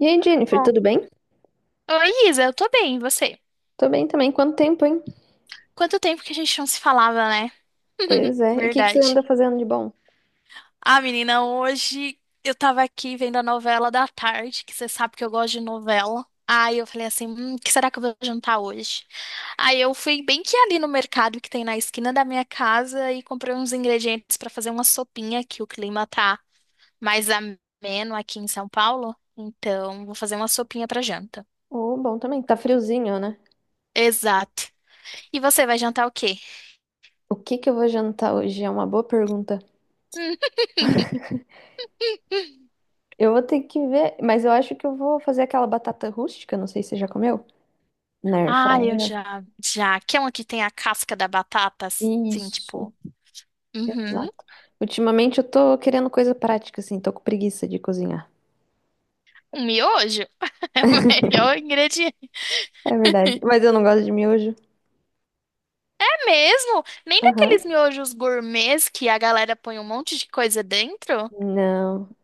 E aí, Jennifer, Bom, tudo bem? Oi, Isa, eu tô bem, e você? Tô bem também. Quanto tempo, hein? Quanto tempo que a gente não se falava, né? Pois é. E o que que você anda Verdade. fazendo de bom? Ah, menina, hoje eu tava aqui vendo a novela da tarde, que você sabe que eu gosto de novela. Aí eu falei assim, o que será que eu vou jantar hoje? Aí eu fui bem que ali no mercado que tem na esquina da minha casa e comprei uns ingredientes pra fazer uma sopinha, que o clima tá mais ameno aqui em São Paulo. Então, vou fazer uma sopinha pra janta. Oh, bom também. Tá friozinho, né? Exato. E você vai jantar o quê? O que que eu vou jantar hoje? É uma boa pergunta. Eu vou ter que ver, mas eu acho que eu vou fazer aquela batata rústica, não sei se você já comeu. Na air Ah, eu fryer. já, já. Que é uma que tem a casca da batata, assim, Isso, tipo. Uhum. exato. Ultimamente eu tô querendo coisa prática, assim, tô com preguiça de cozinhar. Um miojo é o melhor ingrediente. É verdade. Mas eu não gosto de miojo. É mesmo? Nem Aham. daqueles miojos gourmets que a galera põe um monte de coisa dentro? Não.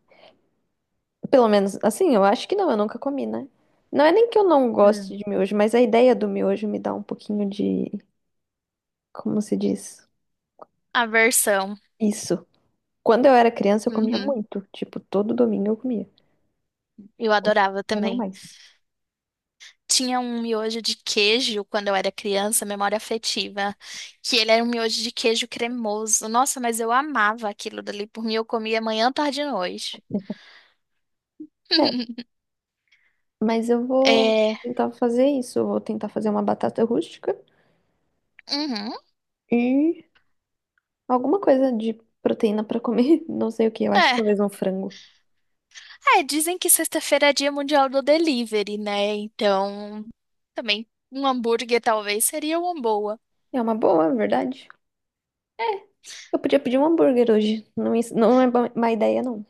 Pelo menos, assim, eu acho que não, eu nunca comi, né? Não é nem que eu não goste de Hum, miojo, mas a ideia do miojo me dá um pouquinho de, como se diz? a versão. Isso. Quando eu era criança, eu comia Uhum. muito. Tipo, todo domingo eu comia. Eu Hoje em adorava dia não também. mais. Tinha um miojo de queijo quando eu era criança, memória afetiva, que ele era um miojo de queijo cremoso. Nossa, mas eu amava aquilo dali. Por mim, eu comia manhã, tarde e noite. É, mas eu vou É. tentar fazer isso. Eu vou tentar fazer uma batata rústica Uhum. e alguma coisa de proteína pra comer. Não sei o que, eu acho que É, talvez um frango. é, dizem que sexta-feira é dia mundial do delivery, né? Então, também um hambúrguer talvez seria uma boa. É uma boa, é verdade. Eu podia pedir um hambúrguer hoje. Não, não é má ideia, não.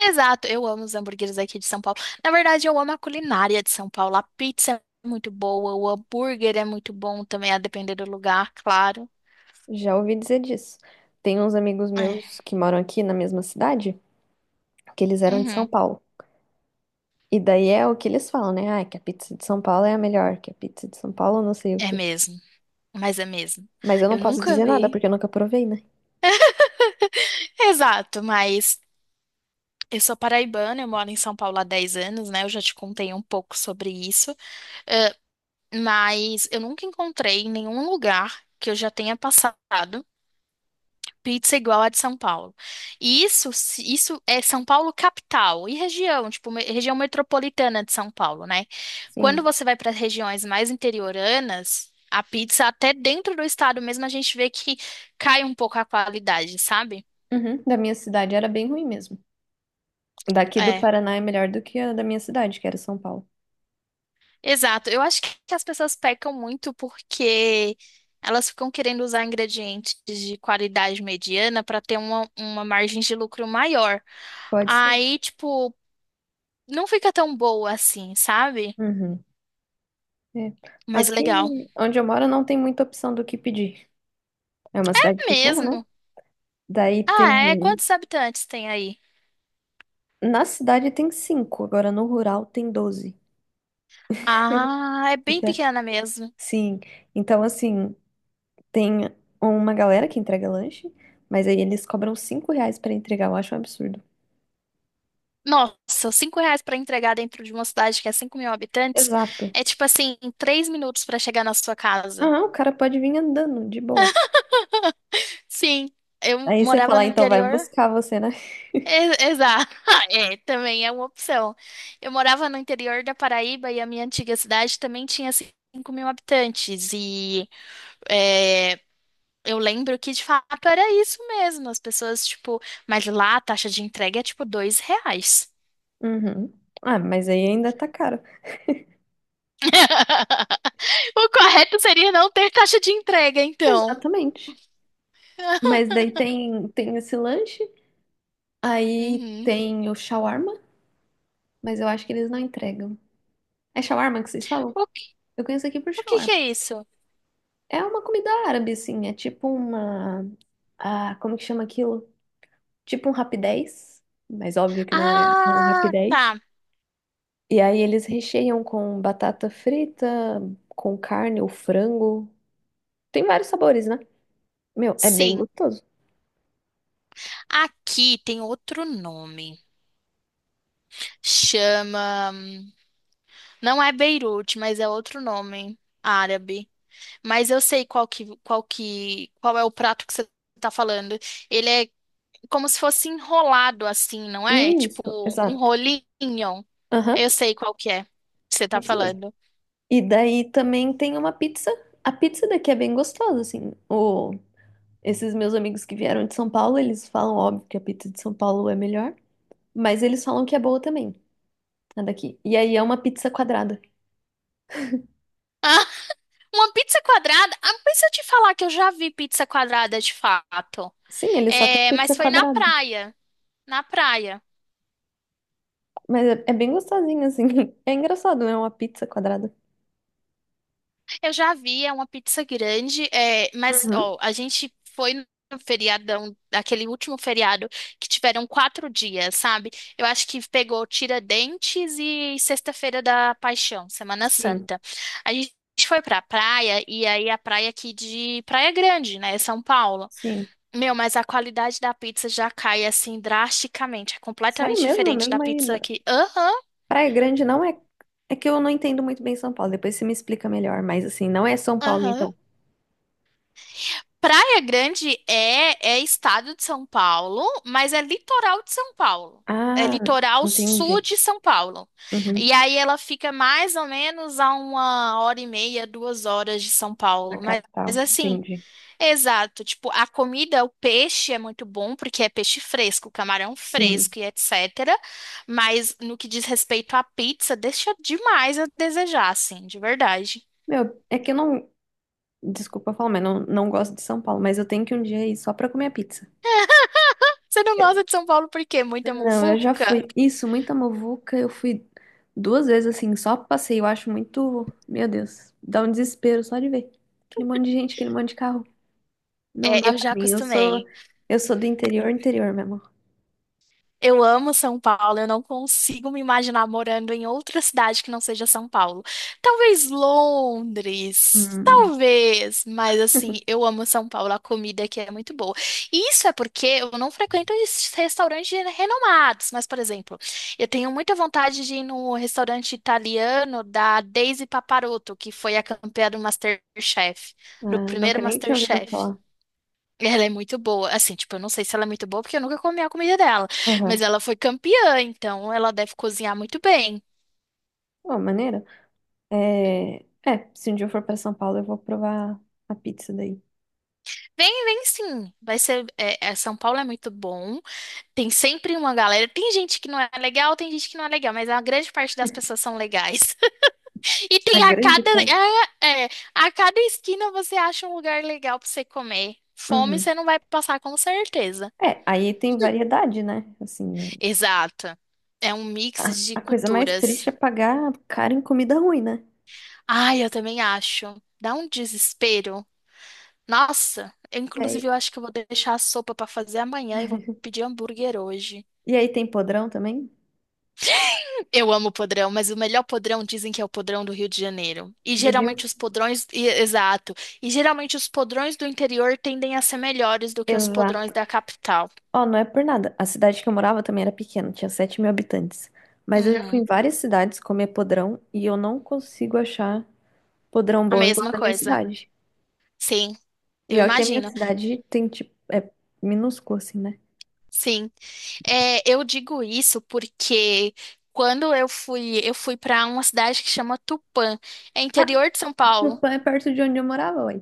Exato, eu amo os hambúrgueres aqui de São Paulo. Na verdade, eu amo a culinária de São Paulo. A pizza é muito boa, o hambúrguer é muito bom também, a depender do lugar, claro. Já ouvi dizer disso. Tem uns amigos É, meus que moram aqui na mesma cidade, que eles eram de São uhum, Paulo. E daí é o que eles falam, né? Ah, que a pizza de São Paulo é a melhor, que a pizza de São Paulo não sei o é quê. mesmo, mas é mesmo. Mas eu não Eu posso nunca dizer nada vi. porque eu nunca provei, né? Exato, mas eu sou paraibana, eu moro em São Paulo há 10 anos, né? Eu já te contei um pouco sobre isso. Mas eu nunca encontrei em nenhum lugar que eu já tenha passado pizza igual a de São Paulo. E isso, isso é São Paulo capital e região, tipo, região metropolitana de São Paulo, né? Quando Sim. você vai para as regiões mais interioranas, a pizza até dentro do estado mesmo a gente vê que cai um pouco a qualidade, sabe? Uhum. Da minha cidade era bem ruim mesmo. Daqui do Paraná é melhor do que a da minha cidade, que era São Paulo. Exato. Eu acho que as pessoas pecam muito porque elas ficam querendo usar ingredientes de qualidade mediana para ter uma margem de lucro maior. Pode ser. Aí, tipo, não fica tão boa assim, sabe? Uhum. É. Mas Aqui legal. onde eu moro não tem muita opção do que pedir. É uma É cidade pequena, né? mesmo. Daí Ah, é? tem. Quantos habitantes tem aí? Na cidade tem cinco, agora no rural tem 12. Ah, é bem Eita. pequena mesmo. Sim, então assim, tem uma galera que entrega lanche, mas aí eles cobram R$ 5 pra entregar, eu acho um absurdo. Nossa, R$ 5 para entregar dentro de uma cidade que é 5 mil habitantes Exato. é tipo assim, 3 minutos para chegar na sua casa. Ah, o cara pode vir andando, de boa. Sim, eu Aí você morava fala, no então vai interior. buscar você, né? Exato, é, também é uma opção. Eu morava no interior da Paraíba e a minha antiga cidade também tinha 5 mil habitantes. E é, eu lembro que de fato era isso mesmo. As pessoas, tipo, mas lá a taxa de entrega é tipo R$ 2. Uhum. Ah, mas aí ainda tá caro. O correto seria não ter taxa de entrega, então. Exatamente. Mas daí tem, esse lanche, aí Uhum. tem o shawarma, mas eu acho que eles não entregam. É shawarma que vocês falam? O, que- Eu conheço aqui por o que que shawarma. é isso? É uma comida árabe, assim, é tipo uma... Ah, como que chama aquilo? Tipo um rapidez, mas óbvio que não é um Ah, rapidez. tá. E aí eles recheiam com batata frita, com carne ou frango. Tem vários sabores, né? Meu, é bem Sim. gostoso. Aqui tem outro nome. Chama. Não é Beirute, mas é outro nome árabe. Mas eu sei qual é o prato que você tá falando. Ele é como se fosse enrolado assim, não é? É Isso, tipo um exato. rolinho. Aham, Eu sei qual que é que você é tá isso mesmo. falando. E daí também tem uma pizza. A pizza daqui é bem gostosa, assim. O... Esses meus amigos que vieram de São Paulo, eles falam, óbvio, que a pizza de São Paulo é melhor, mas eles falam que é boa também, a daqui. E aí é uma pizza quadrada. Ah, uma pizza quadrada? Ah, mas se eu te falar que eu já vi pizza quadrada de fato. Sim, eles só tem É, pizza mas foi na quadrada. praia. Na praia. Mas é, é bem gostosinho, assim. É engraçado, né? Uma pizza quadrada. Eu já vi, é uma pizza grande, é, mas Uhum. ó, a gente foi no feriadão, aquele último feriado, que tiveram 4 dias, sabe? Eu acho que pegou Tiradentes e Sexta-feira da Paixão, Semana Sim, Santa. A gente foi pra praia, e aí a praia aqui de Praia Grande, né, São Paulo. Sim. Meu, mas a qualidade da pizza já cai assim drasticamente, é Sério completamente mesmo? É diferente da mesmo aí. pizza aqui. Aham, Praia Grande não é. É que eu não entendo muito bem São Paulo. Depois você me explica melhor. Mas, assim, não é São Paulo, aham. então. Praia Grande é estado de São Paulo, mas é litoral de São Paulo. É Ah, litoral sul entendi. de São Paulo. Uhum. E aí ela fica mais ou menos a 1 hora e meia, 2 horas de São Na Paulo. Mas, capital. mas assim, Entendi. exato. Tipo, a comida, o peixe é muito bom, porque é peixe fresco, camarão Sim. fresco e etc. Mas no que diz respeito à pizza, deixa demais a desejar, assim, de verdade. Meu, é que eu não. Desculpa falar, mas não, não gosto de São Paulo. Mas eu tenho que um dia ir só pra comer a pizza. Você não gosta de São Paulo por quê? Muita Não, eu já muvuca? fui. Isso, muita muvuca. Eu fui duas vezes assim, só passei. Eu acho muito. Meu Deus, dá um desespero só de ver. Aquele monte de gente, aquele monte de carro. Não É, dá eu pra já mim. Acostumei. Eu sou do interior, interior mesmo. Eu amo São Paulo, eu não consigo me imaginar morando em outra cidade que não seja São Paulo. Talvez Londres, Hum, talvez, mas assim, eu amo São Paulo, a comida aqui é muito boa. E isso é porque eu não frequento esses restaurantes renomados, mas, por exemplo, eu tenho muita vontade de ir no restaurante italiano da Daisy Paparotto, que foi a campeã do MasterChef, do ah, primeiro nunca nem tinha ouvido MasterChef. falar. Ela é muito boa. Assim, tipo, eu não sei se ela é muito boa porque eu nunca comi a comida dela. Mas Aham. ela foi campeã, então ela deve cozinhar muito bem. Pô, maneiro. É, é, se um dia eu for pra São Paulo, eu vou provar a pizza daí. Vem, vem sim. Vai ser. É, é, São Paulo é muito bom. Tem sempre uma galera. Tem gente que não é legal, tem gente que não é legal, mas a grande parte das pessoas são legais. E A tem a grande cada. parte. É, é, a cada esquina você acha um lugar legal pra você comer. Fome Uhum. você não vai passar com certeza. É, aí tem variedade, né? Assim, Exato. É um mix de a coisa mais culturas. triste é pagar caro em comida ruim, né? Ai, eu também acho. Dá um desespero. Nossa, eu, É, inclusive eu acho que eu vou deixar a sopa pra fazer amanhã e vou pedir hambúrguer hoje. e aí tem podrão também? Eu amo podrão, mas o melhor podrão dizem que é o podrão do Rio de Janeiro. E Do Rio? geralmente os podrões, exato. E geralmente os podrões do interior tendem a ser melhores do que os podrões Exato. da capital. Ó, não é por nada. A cidade que eu morava também era pequena, tinha 7 mil habitantes. Mas eu já fui em Uhum, várias cidades comer podrão e eu não consigo achar podrão a bom igual mesma da minha coisa. cidade. Sim, eu E ó, que a minha imagino. cidade tem, tipo, é minúscula, assim, né? Sim, é, eu digo isso porque quando eu fui para uma cidade que chama Tupã, é interior de São No Paulo. pan é perto de onde eu morava, ué.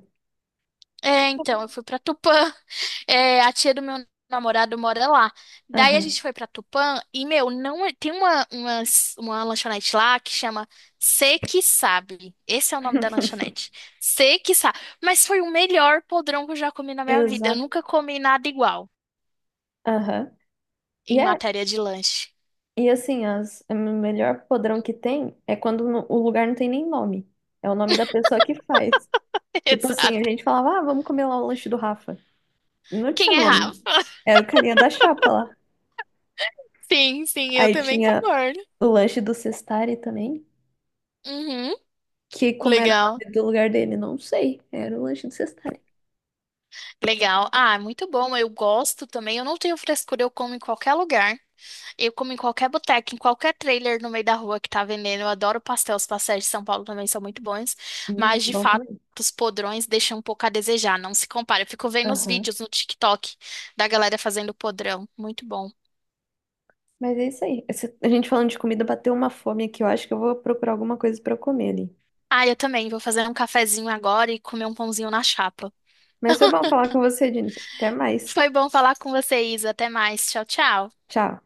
É, então, eu fui para Tupã. É, a tia do meu namorado mora lá. Daí a Aham, gente foi para Tupã e, meu, não é- tem uma lanchonete lá que chama Cê Que Sabe. Esse é o nome da lanchonete. Cê Que Sabe. Mas foi o melhor podrão que eu já comi na minha vida. Eu exato. nunca comi nada igual Aham. E, em é, matéria de lanche. e assim, o melhor podrão que tem é quando o lugar não tem nem nome. É o nome da pessoa que faz. Tipo assim, a Exato. gente falava, ah, vamos comer lá o lanche do Rafa. E não tinha Quem é Rafa? nome. Era o carinha da chapa lá. Sim, sim, eu Aí também tinha concordo. o lanche do Cestari também. Uhum, Que como era o nome legal, do lugar dele, não sei. Era o lanche do Cestari. legal. Ah, muito bom. Eu gosto também. Eu não tenho frescura, eu como em qualquer lugar. Eu como em qualquer boteca, em qualquer trailer no meio da rua que tá vendendo. Eu adoro pastel. Os pastéis de São Paulo também são muito bons. Mas, de Bom fato, também. os podrões deixam um pouco a desejar. Não se compara. Eu fico vendo os Aham. vídeos no TikTok da galera fazendo podrão. Muito bom. Mas é isso aí. Esse- a gente falando de comida, bateu uma fome aqui. Eu acho que eu vou procurar alguma coisa pra eu comer ali. Ah, eu também. Vou fazer um cafezinho agora e comer um pãozinho na chapa. Mas foi bom falar com você, Jennifer. Até mais. Foi bom falar com você, Isa. Até mais. Tchau, tchau. Tchau.